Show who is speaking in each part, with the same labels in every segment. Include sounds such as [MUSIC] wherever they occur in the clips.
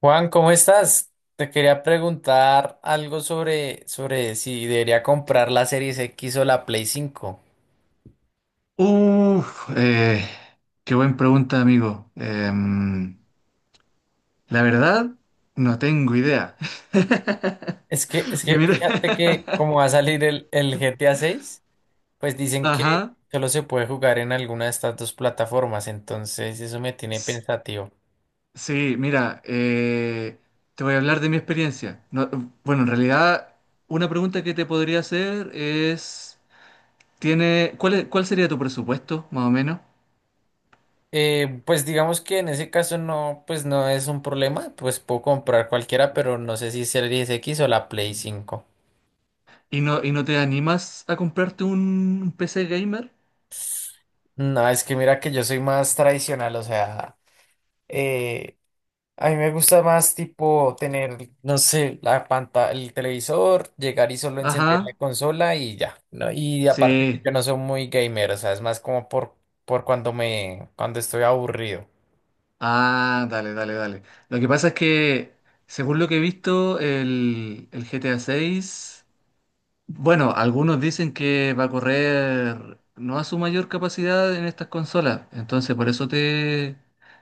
Speaker 1: Juan, ¿cómo estás? Te quería preguntar algo sobre si debería comprar la Series X o la Play 5.
Speaker 2: Uf, qué buena pregunta, amigo. La verdad, no tengo idea. [LAUGHS]
Speaker 1: Es que, es
Speaker 2: Porque
Speaker 1: que
Speaker 2: mira,
Speaker 1: fíjate que como va a salir el GTA 6, pues dicen
Speaker 2: [LAUGHS]
Speaker 1: que
Speaker 2: ajá,
Speaker 1: solo se puede jugar en alguna de estas dos plataformas, entonces eso me tiene
Speaker 2: s-
Speaker 1: pensativo.
Speaker 2: sí, mira, te voy a hablar de mi experiencia. No, bueno, en realidad, una pregunta que te podría hacer es, cuál sería tu presupuesto, más o menos?
Speaker 1: Pues digamos que en ese caso no, pues no es un problema, pues puedo comprar cualquiera, pero no sé si Series X o la Play cinco.
Speaker 2: ¿Y no te animas a comprarte un PC gamer?
Speaker 1: No, es que mira que yo soy más tradicional, o sea... eh, A mí me gusta más tipo tener, no sé, la pantalla, el televisor, llegar y solo encender la
Speaker 2: Ajá.
Speaker 1: consola y ya, ¿no? Y aparte que
Speaker 2: Sí.
Speaker 1: yo no soy muy gamer, o sea, es más como por cuando cuando estoy aburrido.
Speaker 2: Ah, dale, dale, dale. Lo que pasa es que, según lo que he visto, el GTA 6, bueno, algunos dicen que va a correr no a su mayor capacidad en estas consolas. Entonces, por eso te,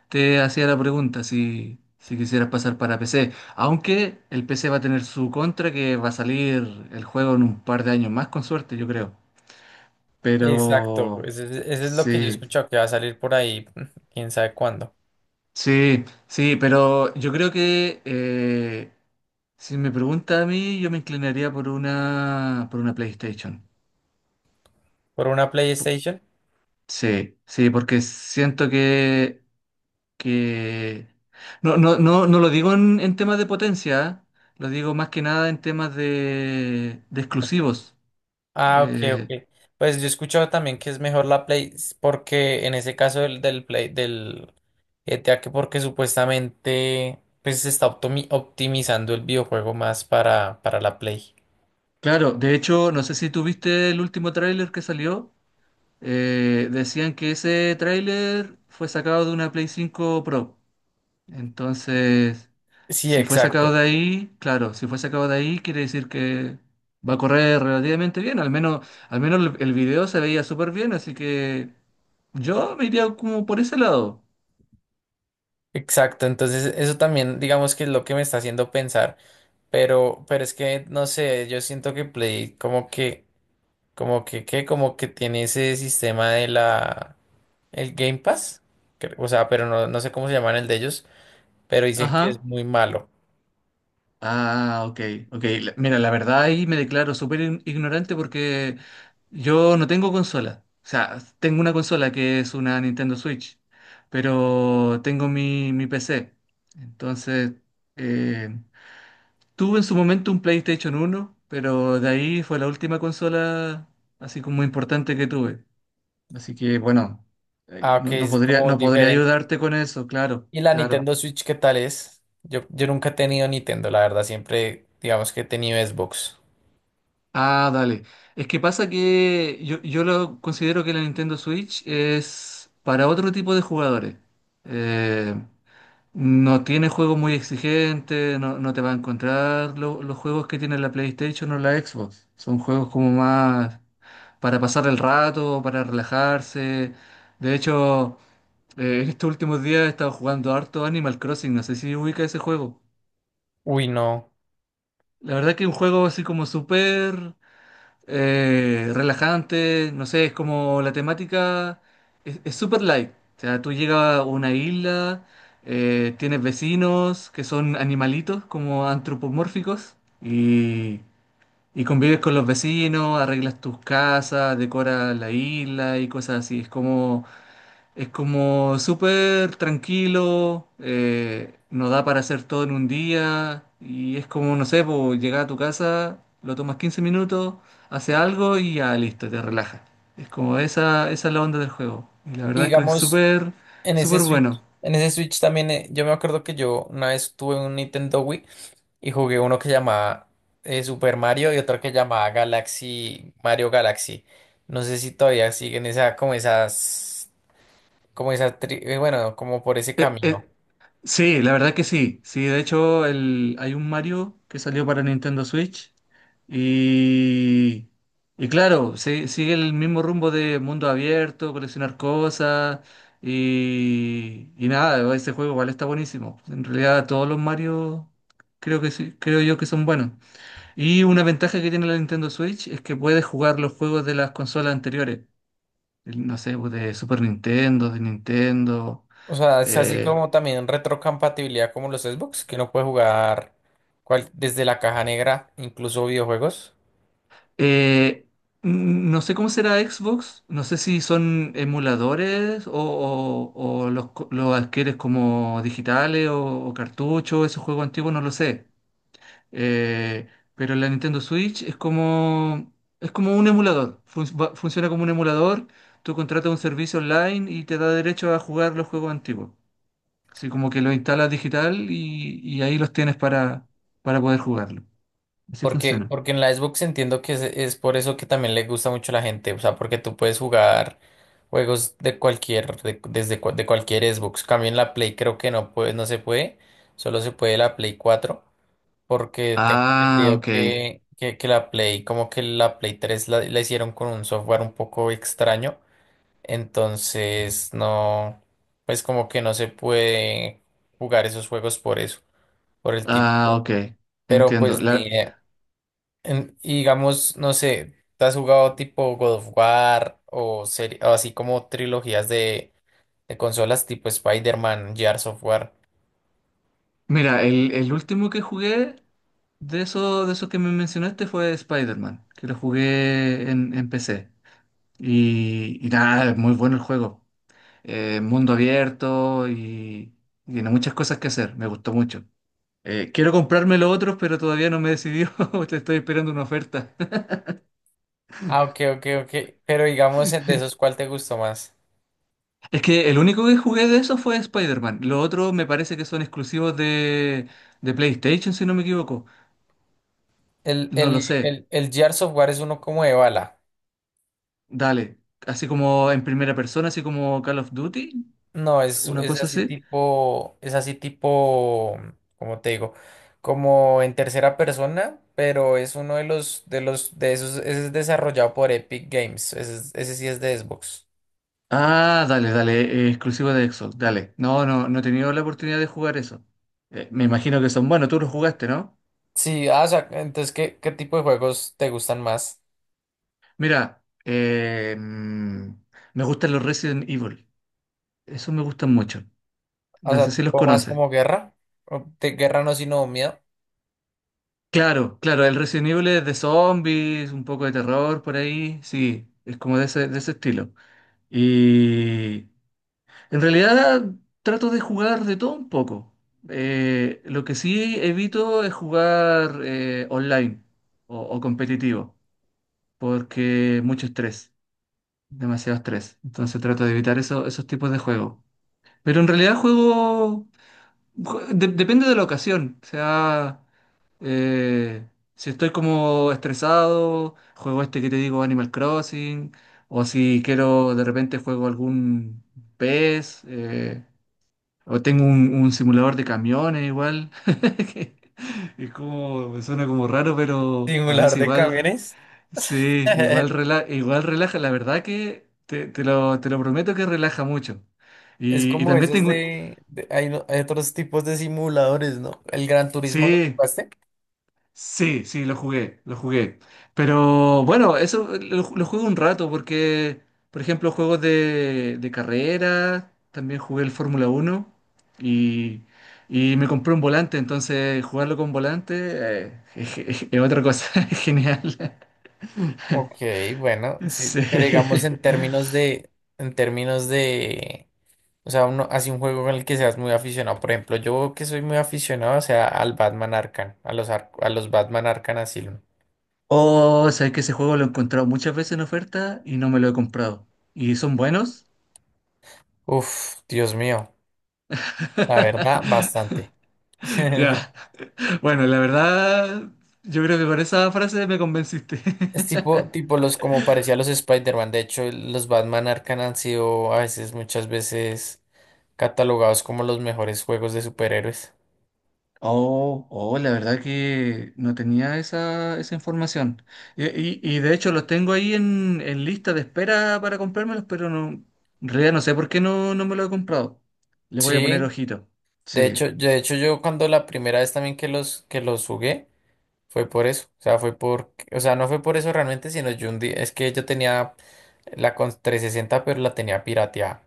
Speaker 2: te hacía la pregunta si quisieras pasar para PC. Aunque el PC va a tener su contra, que va a salir el juego en un par de años más, con suerte, yo creo.
Speaker 1: Exacto,
Speaker 2: Pero,
Speaker 1: ese es lo que yo he
Speaker 2: sí,
Speaker 1: escuchado que va a salir por ahí, [LAUGHS] quién sabe cuándo.
Speaker 2: sí, sí, pero yo creo que... si me pregunta a mí, yo me inclinaría por una, PlayStation.
Speaker 1: ¿Por una PlayStation?
Speaker 2: Sí, sí, porque siento que no, no, no, no lo digo en temas de potencia, ¿eh? Lo digo más que nada en temas de exclusivos.
Speaker 1: Ah, ok,
Speaker 2: Eh,
Speaker 1: ok. Pues yo he escuchado también que es mejor la Play, porque en ese caso del Play, del GTA, que porque supuestamente pues se está optimizando el videojuego más para la Play.
Speaker 2: claro, de hecho, no sé si tuviste el último tráiler que salió. Decían que ese tráiler fue sacado de una Play 5 Pro. Entonces,
Speaker 1: Sí,
Speaker 2: si fue sacado
Speaker 1: exacto,
Speaker 2: de ahí, claro, si fue sacado de ahí, quiere decir que va a correr relativamente bien. Al menos el video se veía súper bien, así que yo me iría como por ese lado.
Speaker 1: exacto. Entonces eso también digamos que es lo que me está haciendo pensar, pero es que no sé, yo siento que Play como que, ¿qué? Como que tiene ese sistema de la, el Game Pass, o sea, pero no, no sé cómo se llaman el de ellos, pero dicen que es
Speaker 2: Ajá.
Speaker 1: muy malo.
Speaker 2: Ah, ok, ok. Mira, la verdad ahí me declaro súper ignorante porque yo no tengo consola. O sea, tengo una consola que es una Nintendo Switch, pero tengo mi PC. Entonces, eh, tuve en su momento un PlayStation uno, pero de ahí fue la última consola así como importante que tuve. Así que bueno, ahí
Speaker 1: Ah,
Speaker 2: no,
Speaker 1: que
Speaker 2: no
Speaker 1: es
Speaker 2: podría,
Speaker 1: como
Speaker 2: no podría
Speaker 1: diferente.
Speaker 2: ayudarte con eso, claro,
Speaker 1: ¿Y la
Speaker 2: claro.
Speaker 1: Nintendo Switch qué tal es? Yo nunca he tenido Nintendo, la verdad, siempre digamos que he tenido Xbox.
Speaker 2: Ah, dale. Es que pasa que yo lo considero que la Nintendo Switch es para otro tipo de jugadores. Eh, No tiene juegos muy exigentes, no te va a encontrar los juegos que tiene la PlayStation o la Xbox. Son juegos como más para pasar el rato, para relajarse. De hecho, [LAUGHS] en estos últimos días he estado jugando harto Animal Crossing, no sé si ubica ese juego.
Speaker 1: Uy, no.
Speaker 2: La verdad que es un juego así como súper relajante, no sé, es como la temática es súper light. O sea, tú llegas a una isla, tienes vecinos que son animalitos como antropomórficos y convives con los vecinos, arreglas tus casas, decoras la isla y cosas así. Es como súper tranquilo, nos da para hacer todo en un día y es como, no sé, po, llegar a tu casa, lo tomas 15 minutos, hace algo y ya listo, te relajas. Es como esa es la onda del juego. Y la
Speaker 1: Y
Speaker 2: verdad es que es
Speaker 1: digamos,
Speaker 2: súper, súper bueno.
Speaker 1: En ese Switch también, yo me acuerdo que yo una vez tuve un Nintendo Wii y jugué uno que llamaba Super Mario y otro que llamaba Galaxy, Mario Galaxy. No sé si todavía siguen esa, como esas, como esa, bueno, como por ese
Speaker 2: Eh,
Speaker 1: camino.
Speaker 2: eh, Sí, la verdad que sí. Sí, de hecho hay un Mario que salió para Nintendo Switch y, y claro, sigue el mismo rumbo de mundo abierto, coleccionar cosas y nada, ese juego igual está buenísimo. En realidad todos los Mario creo que sí, creo yo que son buenos. Y una ventaja que tiene la Nintendo Switch es que puedes jugar los juegos de las consolas anteriores. No sé, pues, de Super Nintendo, de Nintendo.
Speaker 1: O sea, es así
Speaker 2: eh,
Speaker 1: como también retrocompatibilidad como los Xbox, que uno puede jugar desde la caja negra, incluso videojuegos.
Speaker 2: Eh, no sé cómo será Xbox, no sé si son emuladores o los adquieres como digitales o cartuchos, esos juegos antiguos, no lo sé. Eh, pero la Nintendo Switch es como un emulador, funciona como un emulador, tú contratas un servicio online y te da derecho a jugar los juegos antiguos. Así como que lo instalas digital y ahí los tienes para poder jugarlo. Así
Speaker 1: Porque,
Speaker 2: funciona.
Speaker 1: porque en la Xbox entiendo que es por eso que también le gusta mucho a la gente. O sea, porque tú puedes jugar juegos de cualquier, desde de cualquier Xbox. Cambio en la Play creo que no puede, no se puede. Solo se puede la Play 4. Porque tengo
Speaker 2: Ah,
Speaker 1: entendido
Speaker 2: ok.
Speaker 1: que la Play, como que la Play 3 la hicieron con un software un poco extraño. Entonces, no, pues como que no se puede jugar esos juegos por eso, por el
Speaker 2: Ah,
Speaker 1: tipo.
Speaker 2: ok,
Speaker 1: Pero
Speaker 2: entiendo.
Speaker 1: pues ni idea. Y digamos, no sé, ¿te has jugado tipo God of War o, o así como trilogías de consolas tipo Spider-Man, Gears of War?
Speaker 2: Mira, el último que jugué de esos que me mencionaste fue Spider-Man, que lo jugué en PC. Y nada, es muy bueno el juego. Mundo abierto y tiene muchas cosas que hacer, me gustó mucho. Quiero comprarme los otros, pero todavía no me he decidido, [LAUGHS] te estoy esperando una oferta. [LAUGHS]
Speaker 1: Ah, ok, ok, ok. Pero digamos, de esos, ¿cuál te gustó más?
Speaker 2: Es que el único que jugué de eso fue Spider-Man. Los otros me parece que son exclusivos de PlayStation, si no me equivoco.
Speaker 1: El,
Speaker 2: No lo
Speaker 1: el,
Speaker 2: sé.
Speaker 1: el, el Gears of War es uno como de bala.
Speaker 2: Dale, así como en primera persona, así como Call of Duty,
Speaker 1: No,
Speaker 2: una cosa así.
Speaker 1: es así tipo, como te digo, como en tercera persona, pero es uno de de esos, ese es desarrollado por Epic Games, ese sí es de Xbox.
Speaker 2: Ah, dale, dale, exclusivo de Xbox, dale. No, no, no he tenido la oportunidad de jugar eso. Me imagino que son buenos, tú los jugaste, ¿no?
Speaker 1: Sí, ah, o sea, entonces, ¿qué tipo de juegos te gustan más?
Speaker 2: Mira, me gustan los Resident Evil, esos me gustan mucho.
Speaker 1: O
Speaker 2: No
Speaker 1: sea,
Speaker 2: sé si los
Speaker 1: tipo más
Speaker 2: conoces.
Speaker 1: como guerra, o de guerra no, sino miedo.
Speaker 2: Claro, claro, el Resident Evil es de zombies, un poco de terror por ahí, sí, es como de ese estilo. Y en realidad trato de jugar de todo un poco. Lo que sí evito es jugar online o competitivo, porque mucho estrés, demasiado estrés. Entonces trato de evitar esos tipos de juegos. Pero en realidad depende de la ocasión. O sea, eh, si estoy como estresado, juego este que te digo, Animal Crossing, o si quiero de repente juego algún PES. O tengo un simulador de camiones igual. [LAUGHS] Que es como, me suena como raro, pero a veces
Speaker 1: Simulador de
Speaker 2: igual,
Speaker 1: camiones.
Speaker 2: sí, igual,
Speaker 1: [LAUGHS]
Speaker 2: igual relaja. La verdad que te lo prometo que relaja mucho.
Speaker 1: Es
Speaker 2: Y
Speaker 1: como
Speaker 2: también
Speaker 1: esos
Speaker 2: tengo,
Speaker 1: hay, hay otros tipos de simuladores, ¿no? El Gran Turismo, ¿lo
Speaker 2: sí.
Speaker 1: jugaste?
Speaker 2: Sí, sí, lo jugué, lo jugué. Pero bueno, eso lo jugué un rato porque, por ejemplo, juegos de carrera, también jugué el Fórmula 1 y, y me compré un volante, entonces jugarlo con volante es otra cosa, [LAUGHS] es genial.
Speaker 1: Ok, bueno, sí,
Speaker 2: Sí.
Speaker 1: pero digamos en términos de, o sea, uno hace un juego con el que seas muy aficionado. Por ejemplo, yo que soy muy aficionado, o sea, al Batman Arkham, a a los Batman Arkham Asylum.
Speaker 2: Oh, sabes que ese juego lo he encontrado muchas veces en oferta y no me lo he comprado. ¿Y son buenos?
Speaker 1: Uf, Dios mío, la verdad,
Speaker 2: [LAUGHS]
Speaker 1: bastante. [LAUGHS]
Speaker 2: Ya. Bueno, la verdad, yo creo que con esa frase me convenciste.
Speaker 1: Es tipo,
Speaker 2: [LAUGHS]
Speaker 1: tipo los, como parecía los Spider-Man. De hecho, los Batman Arkham han sido a veces, muchas veces, catalogados como los mejores juegos de superhéroes.
Speaker 2: Oh, oh, la verdad que no tenía esa información. Y de hecho los tengo ahí en lista de espera para comprármelos, pero no, en realidad no sé por qué no me lo he comprado. Les voy a poner
Speaker 1: Sí.
Speaker 2: ojito. Sí.
Speaker 1: De hecho yo cuando la primera vez también que los jugué fue por eso, o sea, fue por, o sea, no fue por eso realmente, sino yo un día, es que yo tenía la con 360, pero la tenía pirateada.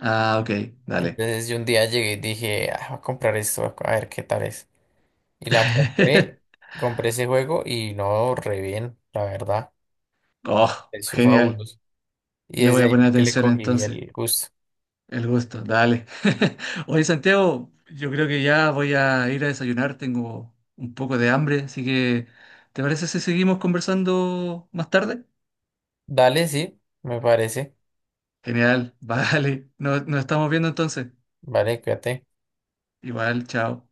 Speaker 2: Ah, ok, dale.
Speaker 1: Entonces yo un día llegué y dije: "Ah, voy a comprar esto, a ver qué tal es". Y la compré,
Speaker 2: [LAUGHS]
Speaker 1: compré ese juego y no, re bien, la verdad, me
Speaker 2: Oh,
Speaker 1: pareció
Speaker 2: genial.
Speaker 1: fabuloso. Y
Speaker 2: Le
Speaker 1: desde
Speaker 2: voy a
Speaker 1: ahí
Speaker 2: poner
Speaker 1: fue que le
Speaker 2: atención
Speaker 1: cogí
Speaker 2: entonces.
Speaker 1: el gusto.
Speaker 2: El gusto, dale. [LAUGHS] Oye, Santiago, yo creo que ya voy a ir a desayunar, tengo un poco de hambre, así que, ¿te parece si seguimos conversando más tarde?
Speaker 1: Dale, sí, me parece.
Speaker 2: Genial, [LAUGHS] vale. Nos estamos viendo entonces.
Speaker 1: Vale, cuídate.
Speaker 2: Igual, chao.